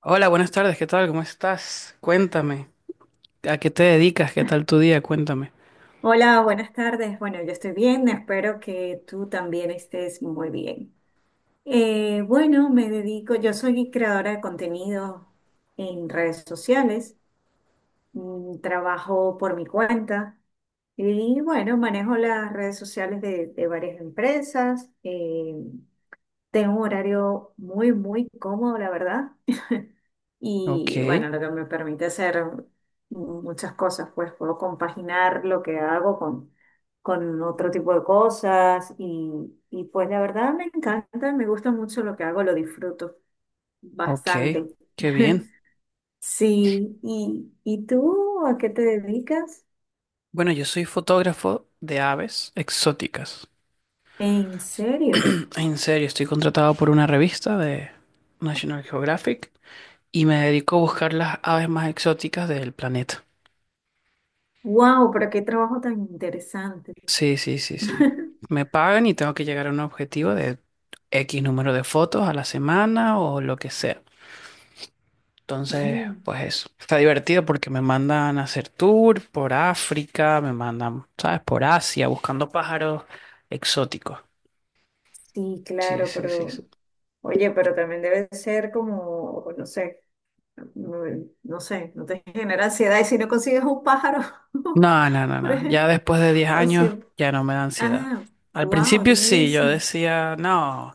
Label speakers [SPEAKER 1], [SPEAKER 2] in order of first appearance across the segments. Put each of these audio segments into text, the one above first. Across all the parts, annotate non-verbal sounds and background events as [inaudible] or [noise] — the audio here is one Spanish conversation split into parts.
[SPEAKER 1] Hola, buenas tardes, ¿qué tal? ¿Cómo estás? Cuéntame, ¿a qué te dedicas? ¿Qué tal tu día? Cuéntame.
[SPEAKER 2] Hola, buenas tardes. Bueno, yo estoy bien, espero que tú también estés muy bien. Bueno, me dedico, yo soy creadora de contenido en redes sociales. Trabajo por mi cuenta y bueno, manejo las redes sociales de varias empresas. Tengo un horario muy, muy cómodo, la verdad.
[SPEAKER 1] Ok,
[SPEAKER 2] Y bueno, lo que me permite hacer muchas cosas, pues puedo compaginar lo que hago con otro tipo de cosas y pues la verdad me encanta, me gusta mucho lo que hago, lo disfruto
[SPEAKER 1] ok,
[SPEAKER 2] bastante.
[SPEAKER 1] qué bien.
[SPEAKER 2] [laughs] Sí, ¿y tú a qué te dedicas?
[SPEAKER 1] Bueno, yo soy fotógrafo de aves exóticas.
[SPEAKER 2] ¿En serio?
[SPEAKER 1] En serio, estoy contratado por una revista de National Geographic y me dedico a buscar las aves más exóticas del planeta.
[SPEAKER 2] ¡Wow! Pero qué trabajo tan interesante.
[SPEAKER 1] Sí, sí, sí, sí.
[SPEAKER 2] [laughs]
[SPEAKER 1] Me pagan y tengo que llegar a un objetivo de X número de fotos a la semana o lo que sea. Entonces,
[SPEAKER 2] Mm,
[SPEAKER 1] pues eso. Está divertido porque me mandan a hacer tour por África, me mandan, ¿sabes? Por Asia, buscando pájaros exóticos.
[SPEAKER 2] sí,
[SPEAKER 1] Sí,
[SPEAKER 2] claro,
[SPEAKER 1] sí, sí,
[SPEAKER 2] pero
[SPEAKER 1] sí.
[SPEAKER 2] oye, pero también debe ser como, no sé. no no sé, no te genera ansiedad. ¿Y si no consigues un pájaro,
[SPEAKER 1] No, no,
[SPEAKER 2] [laughs]
[SPEAKER 1] no,
[SPEAKER 2] por
[SPEAKER 1] no. Ya
[SPEAKER 2] ejemplo,
[SPEAKER 1] después de 10
[SPEAKER 2] o
[SPEAKER 1] años
[SPEAKER 2] siempre?
[SPEAKER 1] ya no me da ansiedad.
[SPEAKER 2] Ah,
[SPEAKER 1] Al
[SPEAKER 2] wow,
[SPEAKER 1] principio sí,
[SPEAKER 2] 10
[SPEAKER 1] yo
[SPEAKER 2] años.
[SPEAKER 1] decía, no,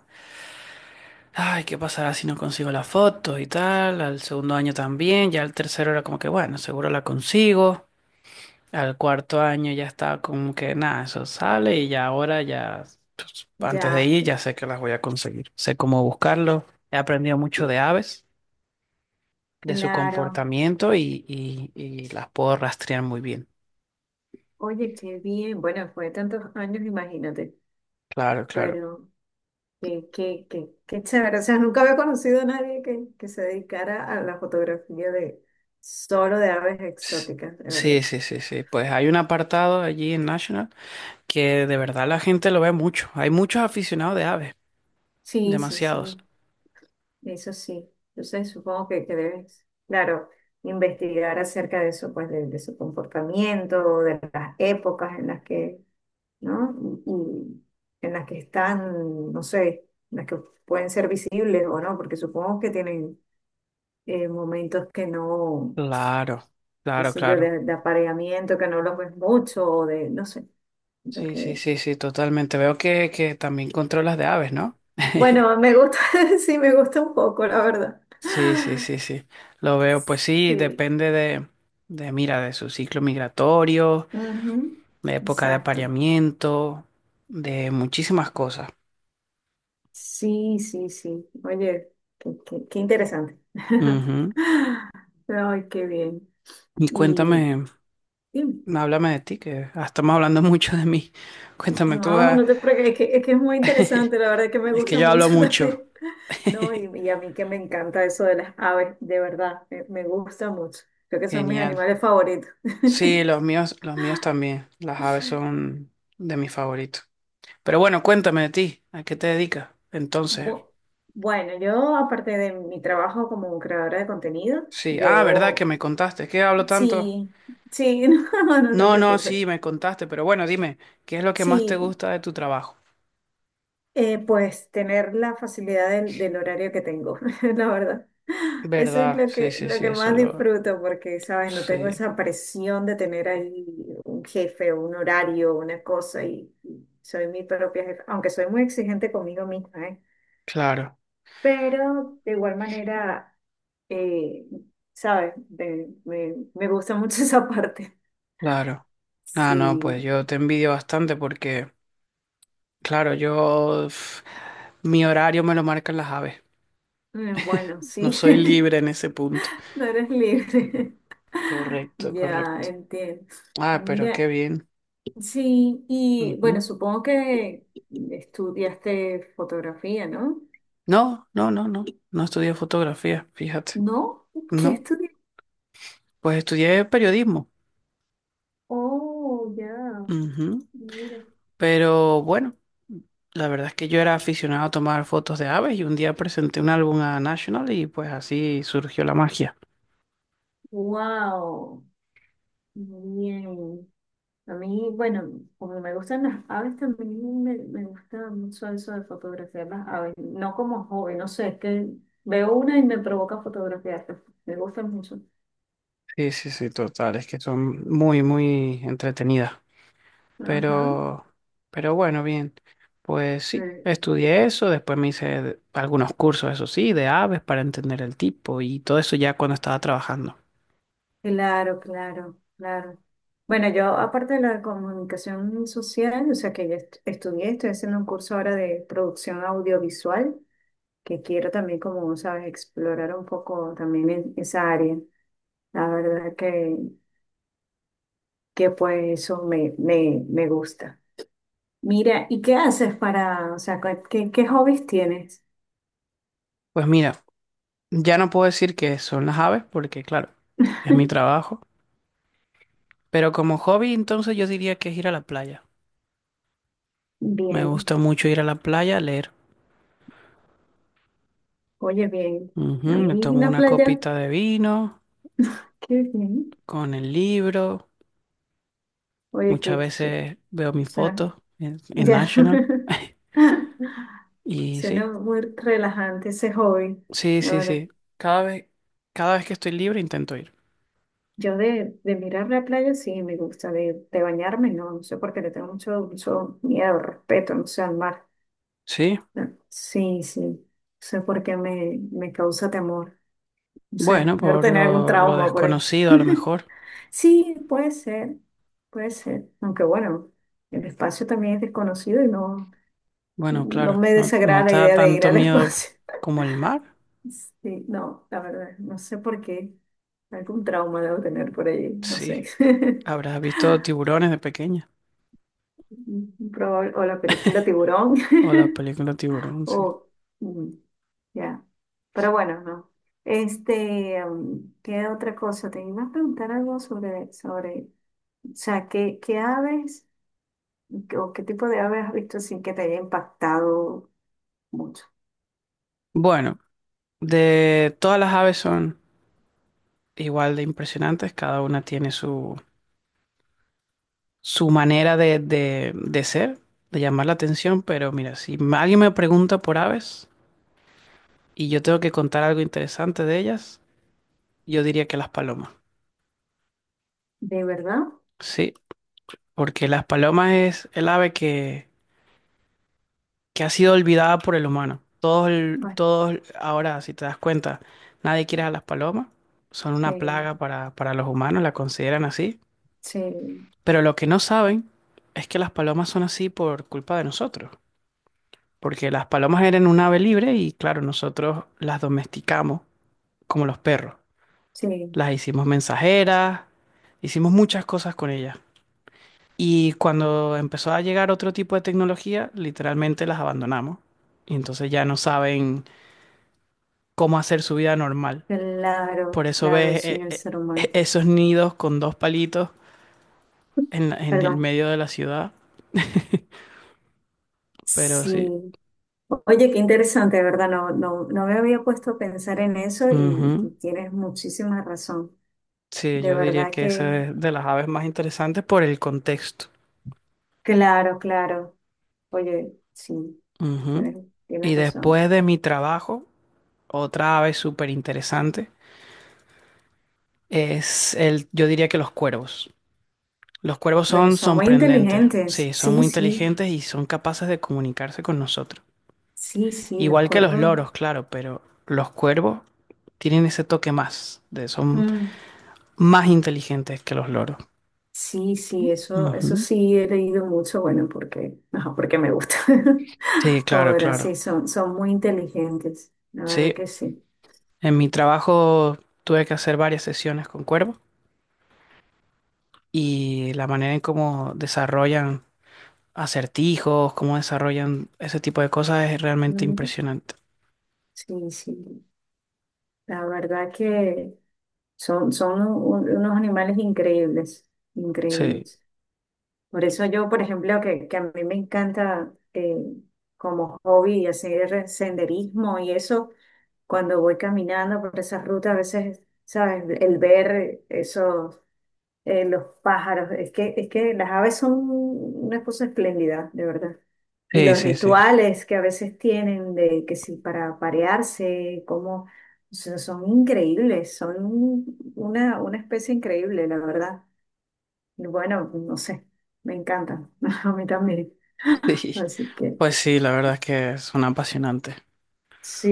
[SPEAKER 1] ay, ¿qué pasará si no consigo la foto y tal? Al segundo año también, ya al tercero era como que, bueno, seguro la consigo. Al cuarto año ya estaba como que nada, eso sale y ya ahora ya, pues, antes de
[SPEAKER 2] Ya,
[SPEAKER 1] ir ya sé que las voy a conseguir. Sé cómo buscarlo. He aprendido mucho de aves, de su
[SPEAKER 2] claro.
[SPEAKER 1] comportamiento y las puedo rastrear muy bien.
[SPEAKER 2] Oye, qué bien. Bueno, fue de tantos años, imagínate.
[SPEAKER 1] Claro, claro.
[SPEAKER 2] Pero qué, qué, qué, qué chévere. O sea, nunca había conocido a nadie que se dedicara a la fotografía de solo de aves
[SPEAKER 1] S-
[SPEAKER 2] exóticas, de verdad.
[SPEAKER 1] Sí, sí, sí, sí. Pues hay un apartado allí en National que de verdad la gente lo ve mucho. Hay muchos aficionados de aves,
[SPEAKER 2] Sí, sí,
[SPEAKER 1] demasiados.
[SPEAKER 2] sí. Eso sí, entonces supongo que debes, claro, investigar acerca de eso, pues de su comportamiento, de las épocas en las que, ¿no? Y, y en las que están, no sé, en las que pueden ser visibles o no, porque supongo que tienen momentos que no,
[SPEAKER 1] Claro,
[SPEAKER 2] qué
[SPEAKER 1] claro,
[SPEAKER 2] sé yo,
[SPEAKER 1] claro.
[SPEAKER 2] de apareamiento, que no los ves mucho, o de, no sé,
[SPEAKER 1] Sí, sí,
[SPEAKER 2] porque,
[SPEAKER 1] sí, sí, totalmente. Veo que también controlas de aves, ¿no? [laughs]
[SPEAKER 2] bueno, me gusta, [laughs] sí, me gusta un poco, la verdad.
[SPEAKER 1] Sí, sí, sí, sí. Lo veo, pues sí,
[SPEAKER 2] Sí.
[SPEAKER 1] depende mira, de su ciclo migratorio,
[SPEAKER 2] Ujú.
[SPEAKER 1] de época de
[SPEAKER 2] Exacto.
[SPEAKER 1] apareamiento, de muchísimas cosas.
[SPEAKER 2] Sí, sí, sí. Oye, qué, qué interesante. [laughs]
[SPEAKER 1] Ujú.
[SPEAKER 2] Ay, qué bien.
[SPEAKER 1] Y
[SPEAKER 2] Y,
[SPEAKER 1] cuéntame,
[SPEAKER 2] y-
[SPEAKER 1] háblame de ti, que ah, estamos hablando [laughs] mucho de mí. Cuéntame tú,
[SPEAKER 2] no,
[SPEAKER 1] ah,
[SPEAKER 2] no te preocupes, es que, es que es muy
[SPEAKER 1] [laughs]
[SPEAKER 2] interesante, la verdad que me
[SPEAKER 1] es que
[SPEAKER 2] gusta
[SPEAKER 1] yo hablo
[SPEAKER 2] mucho [laughs]
[SPEAKER 1] mucho.
[SPEAKER 2] también. No, y a mí que me encanta eso de las aves, de verdad, me gusta mucho. Creo que son mis
[SPEAKER 1] Genial.
[SPEAKER 2] animales favoritos.
[SPEAKER 1] Sí,
[SPEAKER 2] [laughs]
[SPEAKER 1] los míos también. Las aves son de mis favoritos. Pero bueno, cuéntame de ti, ¿a qué te dedicas? Entonces,
[SPEAKER 2] Bu- Bueno, yo aparte de mi trabajo como creadora de contenido,
[SPEAKER 1] sí, ah, verdad que
[SPEAKER 2] yo
[SPEAKER 1] me contaste, ¿qué hablo tanto?
[SPEAKER 2] sí, sí, [laughs] no, no te
[SPEAKER 1] No, no, sí,
[SPEAKER 2] preocupes.
[SPEAKER 1] me contaste, pero bueno, dime, ¿qué es lo que más te
[SPEAKER 2] Sí.
[SPEAKER 1] gusta de tu trabajo?
[SPEAKER 2] Pues tener la facilidad del horario que tengo, [laughs] la verdad. Eso es
[SPEAKER 1] ¿Verdad? Sí, sí,
[SPEAKER 2] lo
[SPEAKER 1] sí,
[SPEAKER 2] que
[SPEAKER 1] eso
[SPEAKER 2] más
[SPEAKER 1] lo...
[SPEAKER 2] disfruto porque, ¿sabes? No tengo
[SPEAKER 1] Sí,
[SPEAKER 2] esa presión de tener ahí un jefe, un horario, una cosa y soy mi propia jefa, aunque soy muy exigente conmigo misma, ¿eh?
[SPEAKER 1] claro,
[SPEAKER 2] Pero de igual manera, eh, ¿sabes? Me gusta mucho [laughs] esa parte.
[SPEAKER 1] claro. Ah, no, pues
[SPEAKER 2] Sí,
[SPEAKER 1] yo te envidio bastante porque, claro, yo... uf, mi horario me lo marcan las aves.
[SPEAKER 2] bueno,
[SPEAKER 1] No
[SPEAKER 2] sí,
[SPEAKER 1] soy
[SPEAKER 2] [laughs]
[SPEAKER 1] libre en ese punto.
[SPEAKER 2] no eres libre. [laughs]
[SPEAKER 1] Correcto,
[SPEAKER 2] Ya,
[SPEAKER 1] correcto.
[SPEAKER 2] entiendo.
[SPEAKER 1] Ah, pero qué
[SPEAKER 2] Mira,
[SPEAKER 1] bien.
[SPEAKER 2] sí, y bueno,
[SPEAKER 1] Ujú.
[SPEAKER 2] supongo que estudiaste fotografía, ¿no?
[SPEAKER 1] No, no, no, no. No estudié fotografía, fíjate.
[SPEAKER 2] ¿No? ¿Qué
[SPEAKER 1] No,
[SPEAKER 2] estudiaste?
[SPEAKER 1] pues estudié periodismo.
[SPEAKER 2] Oh, ya.
[SPEAKER 1] Ujú.
[SPEAKER 2] Mira.
[SPEAKER 1] Pero bueno, la verdad es que yo era aficionado a tomar fotos de aves y un día presenté un álbum a National y pues así surgió la magia.
[SPEAKER 2] Wow. Muy bien. A mí, bueno, como me gustan las aves, también me gusta mucho eso de fotografiar las aves. No como hobby, no sé, es que veo una y me provoca fotografiarla. Me gusta mucho.
[SPEAKER 1] Sí, sí, sí, total, es que son muy, muy entretenidas.
[SPEAKER 2] Ajá.
[SPEAKER 1] Pero, pero bueno, bien, pues sí, estudié eso, después me hice algunos cursos, eso sí, de aves para entender el tipo y todo eso ya cuando estaba trabajando.
[SPEAKER 2] Claro, claro, claro. Bueno, yo aparte de la comunicación social, o sea que ya estudié, estoy haciendo un curso ahora de producción audiovisual, que quiero también, como sabes, explorar un poco también en esa área. La verdad que pues eso me, me, me gusta. Mira, ¿y qué haces para, o sea, qué, qué hobbies tienes?
[SPEAKER 1] Pues mira, ya no puedo decir que son las aves porque claro, es mi trabajo, pero como hobby entonces yo diría que es ir a la playa. Me
[SPEAKER 2] Bien,
[SPEAKER 1] gusta mucho ir a la playa a leer.
[SPEAKER 2] oye, bien.
[SPEAKER 1] Ujú.
[SPEAKER 2] A
[SPEAKER 1] Me
[SPEAKER 2] mí
[SPEAKER 1] tomo
[SPEAKER 2] una
[SPEAKER 1] una
[SPEAKER 2] playa,
[SPEAKER 1] copita de vino
[SPEAKER 2] qué bien.
[SPEAKER 1] con el libro.
[SPEAKER 2] Oye,
[SPEAKER 1] Muchas
[SPEAKER 2] qué, o
[SPEAKER 1] veces veo mis
[SPEAKER 2] sea,
[SPEAKER 1] fotos en
[SPEAKER 2] ya.
[SPEAKER 1] National. [laughs]
[SPEAKER 2] [laughs]
[SPEAKER 1] Y
[SPEAKER 2] Suena
[SPEAKER 1] sí,
[SPEAKER 2] muy relajante ese hobby,
[SPEAKER 1] sí,
[SPEAKER 2] la
[SPEAKER 1] sí,
[SPEAKER 2] verdad.
[SPEAKER 1] sí. Cada vez, cada vez que estoy libre intento ir.
[SPEAKER 2] Yo de mirar la playa sí me gusta, de bañarme no, no sé por qué le tengo mucho, mucho miedo, respeto, no sé, al mar.
[SPEAKER 1] Sí,
[SPEAKER 2] No, sí, sí, no sé por qué me, me causa temor, no sé,
[SPEAKER 1] bueno,
[SPEAKER 2] debo
[SPEAKER 1] por
[SPEAKER 2] tener algún
[SPEAKER 1] lo
[SPEAKER 2] trauma por ahí.
[SPEAKER 1] desconocido a lo mejor.
[SPEAKER 2] Sí, puede ser, aunque bueno, el espacio también es desconocido y no,
[SPEAKER 1] Bueno,
[SPEAKER 2] no
[SPEAKER 1] claro,
[SPEAKER 2] me
[SPEAKER 1] no, no
[SPEAKER 2] desagrada la
[SPEAKER 1] te da
[SPEAKER 2] idea de ir
[SPEAKER 1] tanto
[SPEAKER 2] al [laughs]
[SPEAKER 1] miedo
[SPEAKER 2] espacio.
[SPEAKER 1] como el mar.
[SPEAKER 2] Sí, no, la verdad, no sé por qué. Algún trauma debo tener por ahí, no
[SPEAKER 1] Sí,
[SPEAKER 2] sé. [laughs]
[SPEAKER 1] habrás visto tiburones de pequeña.
[SPEAKER 2] O la película Tiburón,
[SPEAKER 1] O
[SPEAKER 2] [laughs]
[SPEAKER 1] la película Tiburón, sí.
[SPEAKER 2] o mm, ya. Pero bueno, no. Este, ¿qué otra cosa? Te iba a preguntar algo sobre, sobre, o sea, ¿qué, qué aves o qué tipo de aves has visto sin que te haya impactado mucho?
[SPEAKER 1] Bueno, de todas las aves son igual de impresionantes, cada una tiene su, su manera de ser, de llamar la atención, pero mira, si alguien me pregunta por aves y yo tengo que contar algo interesante de ellas, yo diría que las palomas.
[SPEAKER 2] ¿De verdad?
[SPEAKER 1] Sí, porque las palomas es el ave que ha sido olvidada por el humano. Todos, el-
[SPEAKER 2] Bueno,
[SPEAKER 1] todos ahora, si te das cuenta, nadie quiere a las palomas, son
[SPEAKER 2] sí,
[SPEAKER 1] una plaga para los humanos, la consideran así,
[SPEAKER 2] sí,
[SPEAKER 1] pero lo que no saben es que las palomas son así por culpa de nosotros. Porque las palomas eran un ave libre y claro, nosotros las domesticamos como los perros.
[SPEAKER 2] sí,
[SPEAKER 1] Las hicimos mensajeras, hicimos muchas cosas con ellas. Y cuando empezó a llegar otro tipo de tecnología, literalmente las abandonamos. Y entonces ya no saben cómo hacer su vida normal.
[SPEAKER 2] claro,
[SPEAKER 1] Por eso
[SPEAKER 2] claro,
[SPEAKER 1] ves
[SPEAKER 2] sí, el ser humano.
[SPEAKER 1] esos nidos con dos palitos en el
[SPEAKER 2] Perdón.
[SPEAKER 1] medio de la ciudad. [laughs] Pero sí.
[SPEAKER 2] Sí. Oye, qué interesante, ¿verdad? No, no, no me había puesto a pensar en eso
[SPEAKER 1] Ujú.
[SPEAKER 2] y tienes muchísima razón.
[SPEAKER 1] Sí,
[SPEAKER 2] De
[SPEAKER 1] yo diría
[SPEAKER 2] verdad
[SPEAKER 1] que esa
[SPEAKER 2] que,
[SPEAKER 1] es de las aves más interesantes por el contexto.
[SPEAKER 2] claro, claro. Oye, sí,
[SPEAKER 1] Ujú.
[SPEAKER 2] tienes,
[SPEAKER 1] Y
[SPEAKER 2] tienes razón.
[SPEAKER 1] después de mi trabajo, otra ave súper interesante es el, yo diría que los cuervos. Los cuervos
[SPEAKER 2] Bueno,
[SPEAKER 1] son
[SPEAKER 2] son muy
[SPEAKER 1] sorprendentes,
[SPEAKER 2] inteligentes.
[SPEAKER 1] sí, son
[SPEAKER 2] Sí,
[SPEAKER 1] muy
[SPEAKER 2] sí,
[SPEAKER 1] inteligentes y son capaces de comunicarse con nosotros.
[SPEAKER 2] sí, sí, los
[SPEAKER 1] Igual que los
[SPEAKER 2] cuervos.
[SPEAKER 1] loros, claro, pero los cuervos tienen ese toque más, de, son
[SPEAKER 2] Mm,
[SPEAKER 1] más inteligentes que los loros.
[SPEAKER 2] sí, sí, eso
[SPEAKER 1] Ujú.
[SPEAKER 2] sí he leído mucho, bueno, porque, [laughs] ajá, porque me gusta.
[SPEAKER 1] Sí,
[SPEAKER 2] [laughs] Como
[SPEAKER 1] claro,
[SPEAKER 2] verás, sí,
[SPEAKER 1] claro.
[SPEAKER 2] son, son muy inteligentes. La verdad
[SPEAKER 1] Sí,
[SPEAKER 2] que sí.
[SPEAKER 1] en mi trabajo tuve que hacer varias sesiones con cuervos y la manera en cómo desarrollan acertijos, cómo desarrollan ese tipo de cosas es realmente
[SPEAKER 2] Mm,
[SPEAKER 1] impresionante.
[SPEAKER 2] sí, sí. La verdad que son, son unos animales increíbles,
[SPEAKER 1] Sí,
[SPEAKER 2] increíbles. Por eso yo, por ejemplo, que a mí me encanta como hobby hacer senderismo y eso, cuando voy caminando por esas rutas, a veces, ¿sabes? El ver esos los pájaros, es que las aves son una cosa espléndida, de verdad. Y
[SPEAKER 1] sí,
[SPEAKER 2] los
[SPEAKER 1] sí, sí. [laughs]
[SPEAKER 2] rituales que a veces tienen de que si para parearse, como son, son increíbles, son una especie increíble, la verdad. Y bueno, no sé, me encantan, [laughs] a mí también.
[SPEAKER 1] Sí.
[SPEAKER 2] Así que
[SPEAKER 1] Pues sí, la verdad es que son apasionantes.
[SPEAKER 2] sí,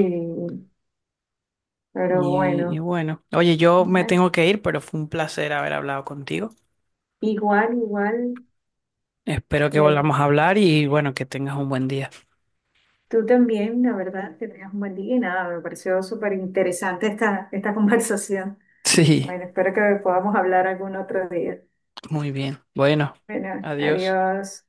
[SPEAKER 2] pero
[SPEAKER 1] Y
[SPEAKER 2] bueno,
[SPEAKER 1] bueno, oye, yo me
[SPEAKER 2] na-
[SPEAKER 1] tengo que ir, pero fue un placer haber hablado contigo.
[SPEAKER 2] igual, igual,
[SPEAKER 1] Espero que
[SPEAKER 2] eh,
[SPEAKER 1] volvamos a hablar y bueno, que tengas un buen día.
[SPEAKER 2] tú también, la verdad, que tengas un buen día y nada, me pareció súper interesante esta, esta [laughs] conversación.
[SPEAKER 1] Sí,
[SPEAKER 2] Bueno, espero que podamos hablar algún otro día.
[SPEAKER 1] muy bien. Bueno,
[SPEAKER 2] Bueno,
[SPEAKER 1] adiós.
[SPEAKER 2] adiós.